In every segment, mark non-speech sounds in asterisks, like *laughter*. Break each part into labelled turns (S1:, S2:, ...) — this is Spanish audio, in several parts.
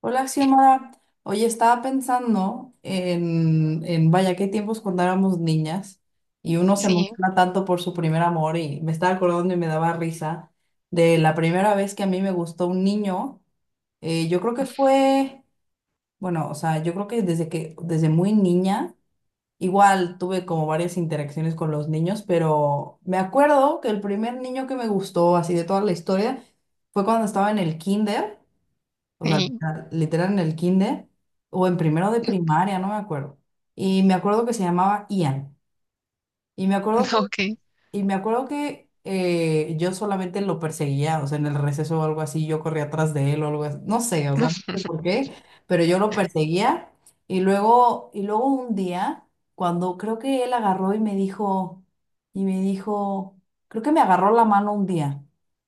S1: Hola, Xiomara. Oye, estaba pensando vaya, qué tiempos cuando éramos niñas y uno se
S2: Sí,
S1: emociona tanto por su primer amor y me estaba acordando y me daba risa de la primera vez que a mí me gustó un niño. Yo creo que fue, bueno, o sea, yo creo que desde muy niña, igual tuve como varias interacciones con los niños, pero me acuerdo que el primer niño que me gustó así de toda la historia fue cuando estaba en el kinder. O sea,
S2: sí,
S1: literal, literal en el kinder o en primero de primaria, no me acuerdo. Y me acuerdo que se llamaba Ian. Y me acuerdo
S2: *laughs* ok.
S1: y me acuerdo que yo solamente lo perseguía, o sea, en el receso o algo así, yo corría atrás de él o algo así, no sé, o sea, no sé por
S2: *laughs*
S1: qué, pero yo lo perseguía. Y luego un día, cuando creo que él agarró y me dijo, y me dijo, creo que me agarró la mano un día.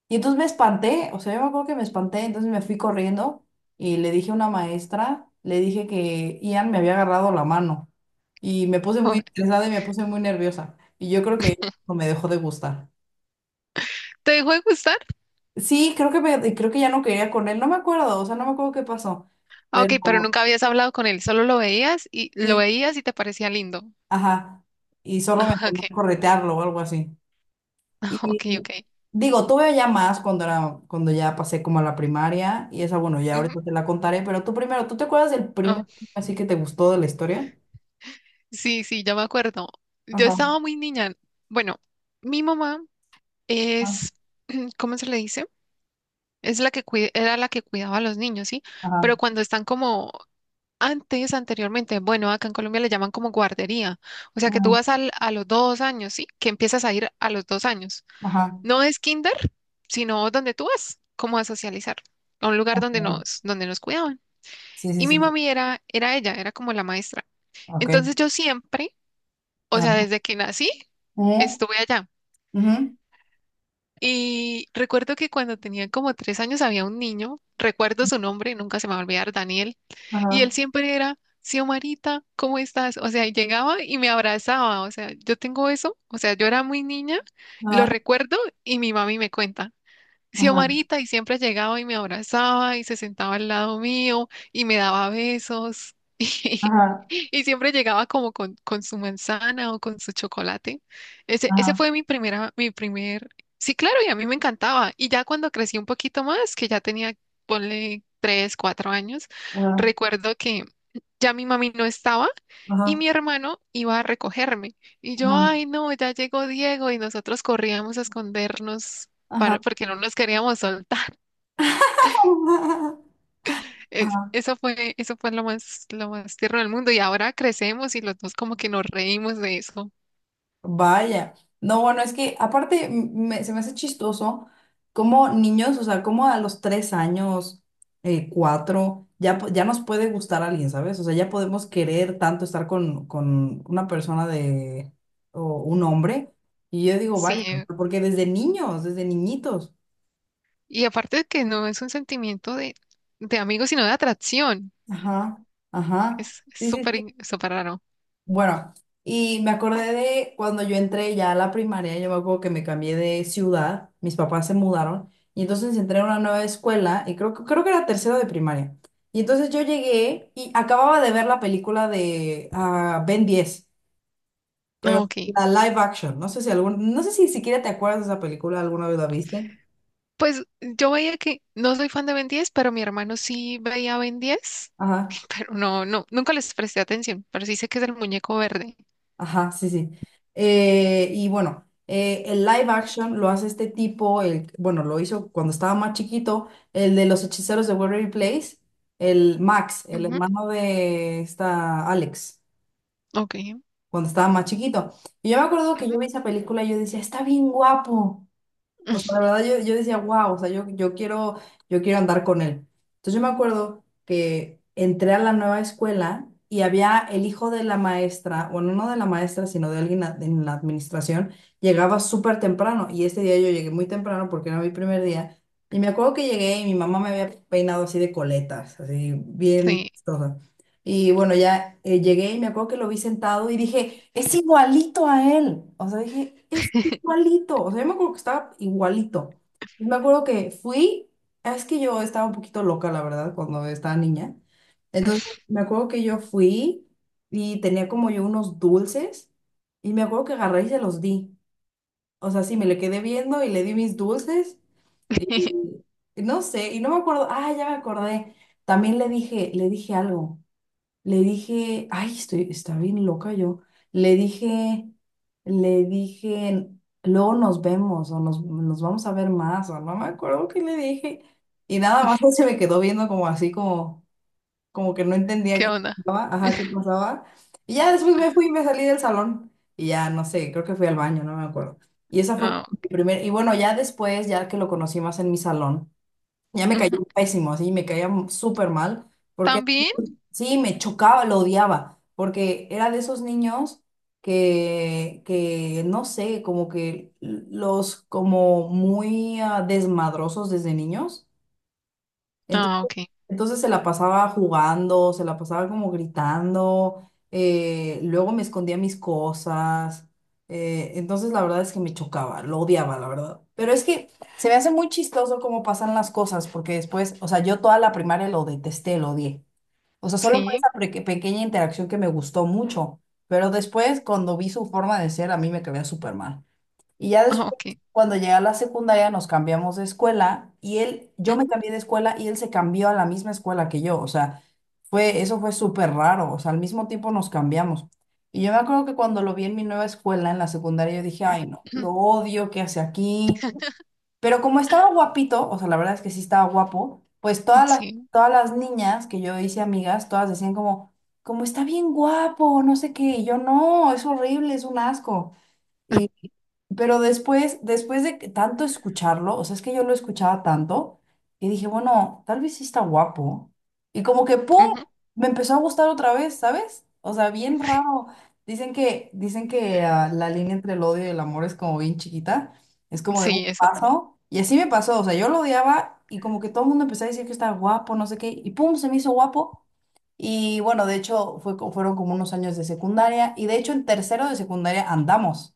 S1: Y entonces me espanté, o sea, yo me acuerdo que me espanté, entonces me fui corriendo y le dije a una maestra, le dije que Ian me había agarrado la mano. Y me puse muy estresada y me puse muy nerviosa. Y yo creo que o me dejó de gustar.
S2: ¿Te dejó de gustar?
S1: Sí, creo que ya no quería con él, no me acuerdo, o sea, no me acuerdo qué pasó,
S2: Ah, ok,
S1: pero,
S2: pero nunca habías hablado con él, solo lo
S1: eh,
S2: veías y te parecía lindo. *laughs*
S1: ajá, y solo me
S2: Ah,
S1: ponía
S2: ok,
S1: a corretearlo o algo así.
S2: ok,
S1: Y
S2: ok.
S1: digo, tuve ya más cuando era, cuando ya pasé como a la primaria, y esa, bueno, ya
S2: Ujú.
S1: ahorita te la contaré, pero tú primero, ¿tú te acuerdas del primer
S2: Ah,
S1: anime así que te gustó de la historia?
S2: sí, sí, ya me acuerdo. Yo
S1: Ajá,
S2: estaba muy niña. Bueno, mi mamá
S1: ajá,
S2: es, *clears throat* ¿cómo se le dice? Es la que era la que cuidaba a los niños, ¿sí?
S1: ajá,
S2: Pero cuando están como antes, anteriormente, bueno, acá en Colombia le llaman como guardería. O sea que tú
S1: ujú,
S2: vas a los 2 años, ¿sí? Que empiezas a ir a los 2 años.
S1: ajá,
S2: No es kinder, sino donde tú vas, como a socializar, a un lugar donde
S1: ok,
S2: nos cuidaban.
S1: sí, sí,
S2: Y mi
S1: sí,
S2: mami era ella, era como la maestra.
S1: ok,
S2: Entonces yo siempre, o sea,
S1: ajá,
S2: desde que nací,
S1: eh
S2: estuve allá.
S1: ujú,
S2: Y recuerdo que cuando tenía como 3 años había un niño, recuerdo su nombre, nunca se me va a olvidar, Daniel, y
S1: ajá,
S2: él siempre era, Xiomarita, ¿cómo estás? O sea, y llegaba y me abrazaba, o sea, yo tengo eso, o sea, yo era muy niña, lo
S1: ajá,
S2: recuerdo y mi mami me cuenta.
S1: ajá,
S2: Xiomarita y siempre llegaba y me abrazaba y se sentaba al lado mío y me daba besos *laughs*
S1: ajá,
S2: y, siempre llegaba como con su manzana o con su chocolate. Ese
S1: ajá,
S2: fue mi primer, sí, claro, y a mí me encantaba. Y ya cuando crecí un poquito más, que ya tenía, ponle tres, cuatro años,
S1: ajá.
S2: recuerdo que ya mi mami no estaba y
S1: Ajá,
S2: mi hermano iba a recogerme. Y yo,
S1: ajá,
S2: ay, no, ya llegó Diego y nosotros corríamos a escondernos
S1: ajá.
S2: para, porque no nos queríamos soltar.
S1: *laughs*
S2: *laughs*
S1: Ajá.
S2: Eso fue lo más tierno del mundo y ahora crecemos y los dos como que nos reímos de eso.
S1: Vaya. No, bueno, es que aparte se me hace chistoso como niños, o sea, como a los 3 años, cuatro, ya, ya nos puede gustar alguien, ¿sabes? O sea, ya podemos querer tanto estar con una persona de, o un hombre. Y yo digo,
S2: Sí,
S1: vaya, porque desde niños, desde niñitos.
S2: y aparte de que no es un sentimiento de amigos, sino de atracción.
S1: Ajá, ajá.
S2: Es
S1: Sí, sí,
S2: súper,
S1: sí.
S2: súper raro.
S1: Bueno, y me acordé de cuando yo entré ya a la primaria, yo me acuerdo que me cambié de ciudad, mis papás se mudaron, y entonces entré a una nueva escuela, y creo, creo que era tercero de primaria. Y entonces yo llegué y acababa de ver la película de Ben 10, pero
S2: Ah, ok.
S1: la live action, no sé si algún, no sé si siquiera te acuerdas de esa película, alguna vez la viste.
S2: Pues yo veía que no soy fan de Ben 10, pero mi hermano sí veía Ben 10,
S1: Ajá.
S2: *laughs* pero no, no, nunca les presté atención, pero sí sé que es el muñeco verde.
S1: Ajá, sí, sí. Y bueno, el live action lo hace este tipo, el, bueno, lo hizo cuando estaba más chiquito, el de los hechiceros de Waverly Place, el Max, el
S2: Ujú,
S1: hermano de esta Alex,
S2: ok.
S1: cuando estaba más chiquito. Y yo me acuerdo que
S2: Ujú.
S1: yo vi esa película y yo decía, está bien guapo. O sea, la
S2: *laughs*
S1: verdad yo, yo decía, wow, o sea, yo, yo quiero andar con él. Entonces yo me acuerdo que entré a la nueva escuela y había el hijo de la maestra, bueno, no de la maestra, sino de alguien en la administración, llegaba súper temprano y este día yo llegué muy temprano porque era mi primer día. Y me acuerdo que llegué y mi mamá me había peinado así de coletas, así bien,
S2: Sí.
S1: chistosa. Y bueno, ya llegué y me acuerdo que lo vi sentado y dije, es igualito a él. O sea, dije, es igualito. O sea, yo me acuerdo que estaba igualito. Y me acuerdo que fui, es que yo estaba un poquito loca, la verdad, cuando estaba niña. Entonces, me acuerdo que yo fui y tenía como yo unos dulces y me acuerdo que agarré y se los di. O sea, sí, me le quedé viendo y le di mis dulces y,
S2: *laughs*
S1: y no sé, y no me acuerdo, ah, ya me acordé. También le dije algo. Le dije, ay, estoy, está bien loca yo. Le dije, Le dije, luego nos vemos o nos, nos vamos a ver más o no me acuerdo qué le dije. Y nada más *laughs* él se me quedó viendo como así, como, como que no entendía
S2: ¿Qué
S1: qué
S2: onda?
S1: pasaba, ajá, qué pasaba. Y ya después me fui y me salí del salón y ya no sé, creo que fui al baño, no me acuerdo. Y esa fue como
S2: Ah,
S1: mi primer, y bueno, ya después, ya que lo conocí más en mi salón, ya me
S2: ujú.
S1: cayó pésimo, así, me caía súper mal. Porque
S2: También.
S1: sí, me chocaba, lo odiaba, porque era de esos niños que no sé, como que los como muy desmadrosos desde niños.
S2: Ah,
S1: Entonces,
S2: ok.
S1: entonces se la pasaba jugando, se la pasaba como gritando, luego me escondía mis cosas. Entonces la verdad es que me chocaba, lo odiaba, la verdad. Pero es que se me hace muy chistoso cómo pasan las cosas, porque después, o sea, yo toda la primaria lo detesté, lo odié. O sea, solo por
S2: Sí.
S1: esa pequeña interacción que me gustó mucho. Pero después, cuando vi su forma de ser, a mí me caía súper mal. Y ya
S2: Ah,
S1: después,
S2: ok.
S1: cuando llegué a la secundaria, nos cambiamos de escuela y él, yo me
S2: Ujú.
S1: cambié de escuela y él se cambió a la misma escuela que yo. O sea, fue, eso fue súper raro. O sea, al mismo tiempo nos cambiamos. Y yo me acuerdo que cuando lo vi en mi nueva escuela, en la secundaria, yo dije, ay, no, lo
S2: *clears throat*
S1: odio, ¿qué hace aquí? Pero como estaba guapito, o sea, la verdad es que sí estaba guapo, pues
S2: Sí.
S1: todas las niñas que yo hice amigas, todas decían como, como está bien guapo, no sé qué, y yo no, es horrible, es un asco. Pero después, después de que tanto escucharlo, o sea, es que yo lo escuchaba tanto, y dije, bueno, tal vez sí está guapo. Y como que, ¡pum!
S2: Ujú.
S1: Me empezó a gustar otra vez, ¿sabes? O sea, bien raro. Dicen que la línea entre el odio y el amor es como bien chiquita, es como de un
S2: Sí, exacto.
S1: paso. Y así me pasó, o sea, yo lo odiaba y como que todo el mundo empezó a decir que estaba guapo, no sé qué, y ¡pum! Se me hizo guapo. Y bueno, de hecho, fue, fueron como unos años de secundaria, y de hecho en tercero de secundaria andamos.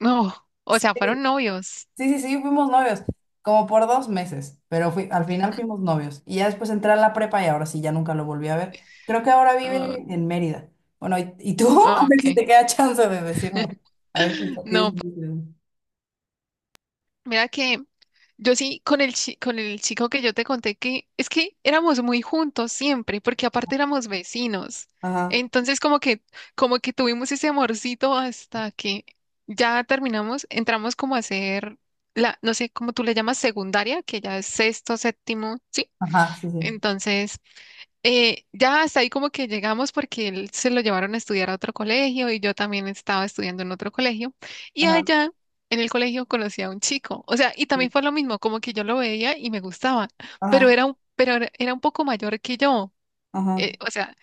S2: No, o sea, fueron novios.
S1: Sí, sí, sí, fuimos novios, como por 2 meses, pero fui, al final fuimos novios. Y ya después entré a la prepa y ahora sí, ya nunca lo volví a ver. Creo que ahora
S2: Ah,
S1: vive en Mérida. Bueno, y tú? *laughs* A
S2: ah,
S1: ver si
S2: ok.
S1: te queda chance de decirme.
S2: *laughs*
S1: A ver si tienes...
S2: No, mira que yo sí, con el chico que yo te conté que es que éramos muy juntos siempre, porque aparte éramos vecinos.
S1: Ajá,
S2: Entonces, como que tuvimos ese amorcito hasta que ya terminamos, entramos como a hacer la, no sé, cómo tú le llamas secundaria, que ya es sexto, séptimo.
S1: ajá, sí, sí.
S2: Entonces, ya hasta ahí como que llegamos porque él se lo llevaron a estudiar a otro colegio y yo también estaba estudiando en otro colegio. Y
S1: Ajá,
S2: allá en el colegio conocí a un chico. O sea, y
S1: sí,
S2: también fue lo mismo, como que yo lo veía y me gustaba,
S1: ajá,
S2: pero pero era un poco mayor que yo.
S1: ajá,
S2: O sea,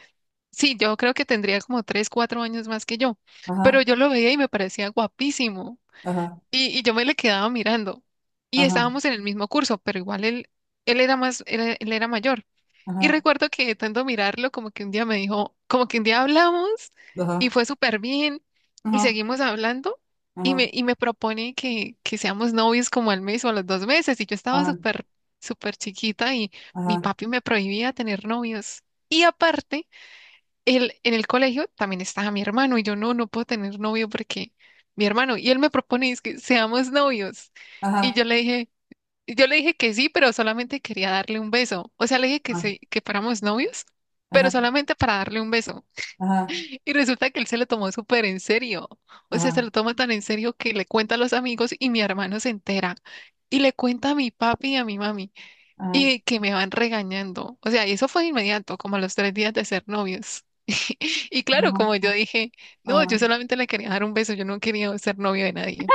S2: sí, yo creo que tendría como tres, cuatro años más que yo, pero
S1: ajá,
S2: yo lo veía y me parecía guapísimo.
S1: ajá,
S2: Y yo me le quedaba mirando. Y
S1: ajá,
S2: estábamos en el mismo curso, pero igual él era más, él era mayor.
S1: ajá,
S2: Y
S1: ajá,
S2: recuerdo que de tanto mirarlo, como que un día me dijo, como que un día hablamos y
S1: ajá,
S2: fue súper bien y
S1: ajá,
S2: seguimos hablando y
S1: ajá,
S2: me, y me propone que seamos novios como al mes o a los 2 meses y yo estaba
S1: ajá,
S2: súper, súper chiquita y mi
S1: ajá,
S2: papi me prohibía tener novios. Y aparte, él, en el colegio también estaba mi hermano y yo no, no puedo tener novio porque mi hermano y él me propone es que seamos novios. Y yo
S1: ajá,
S2: le dije, yo le dije que sí, pero solamente quería darle un beso. O sea, le dije que sí, que fuéramos novios,
S1: ajá,
S2: pero
S1: ajá,
S2: solamente para darle un beso.
S1: ajá,
S2: Y resulta que él se lo tomó súper en serio. O sea, se
S1: ajá,
S2: lo toma tan en serio que le cuenta a los amigos y mi hermano se entera. Y le cuenta a mi papi y a mi mami.
S1: ajá,
S2: Y que me van regañando. O sea, y eso fue de inmediato, como a los 3 días de ser novios. *laughs* Y claro, como yo dije, no,
S1: ajá,
S2: yo solamente le quería dar un beso, yo no quería ser novio de nadie.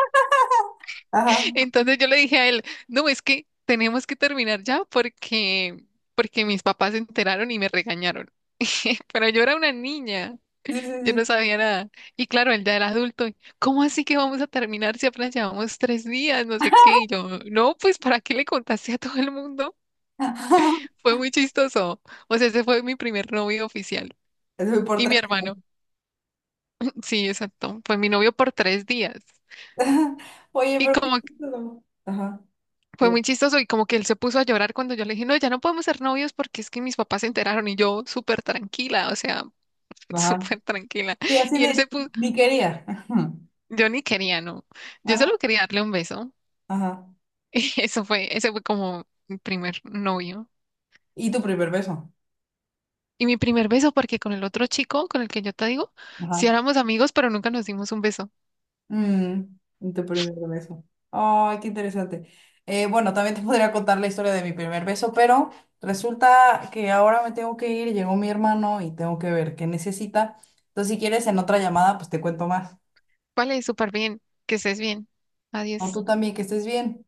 S1: ajá,
S2: Entonces yo le dije a él, no, es que tenemos que terminar ya porque mis papás se enteraron y me regañaron. *laughs* Pero yo era una niña,
S1: sí, sí,
S2: yo no
S1: sí.
S2: sabía nada. Y claro, él ya era adulto. Y, ¿cómo así que vamos a terminar si apenas llevamos 3 días? No sé qué. Y yo, no, pues ¿para qué le contaste a todo el mundo?
S1: *laughs*
S2: Fue muy chistoso. O sea, ese fue mi primer novio oficial.
S1: Eso. Por
S2: Y mi
S1: tres.
S2: hermano,
S1: *laughs*
S2: *laughs* sí, exacto. Fue mi novio por 3 días.
S1: Oye,
S2: Y
S1: pero qué
S2: como
S1: chistoso. Ajá.
S2: Fue
S1: Digo,
S2: muy chistoso y como que él se puso a llorar cuando yo le dije, no, ya no podemos ser novios porque es que mis papás se enteraron y yo súper tranquila, o sea, *laughs*
S1: ajá.
S2: súper tranquila.
S1: Sí, así
S2: Y él
S1: de
S2: se puso,
S1: ni quería. *laughs*
S2: yo ni quería, no, yo
S1: Ajá.
S2: solo quería darle un beso. *laughs*
S1: Ajá.
S2: Y eso fue, ese fue como mi primer novio.
S1: Y tu primer beso.
S2: Y mi primer beso porque con el otro chico, con el que yo te digo, sí
S1: Ajá.
S2: éramos amigos, pero nunca nos dimos un beso.
S1: Mm, y tu primer beso. Ay, qué interesante. Bueno, también te podría contar la historia de mi primer beso, pero resulta que ahora me tengo que ir. Llegó mi hermano y tengo que ver qué necesita. Entonces, si quieres, en otra llamada, pues te cuento más.
S2: Vale, súper bien, que estés bien.
S1: No,
S2: Adiós.
S1: tú también, que estés bien.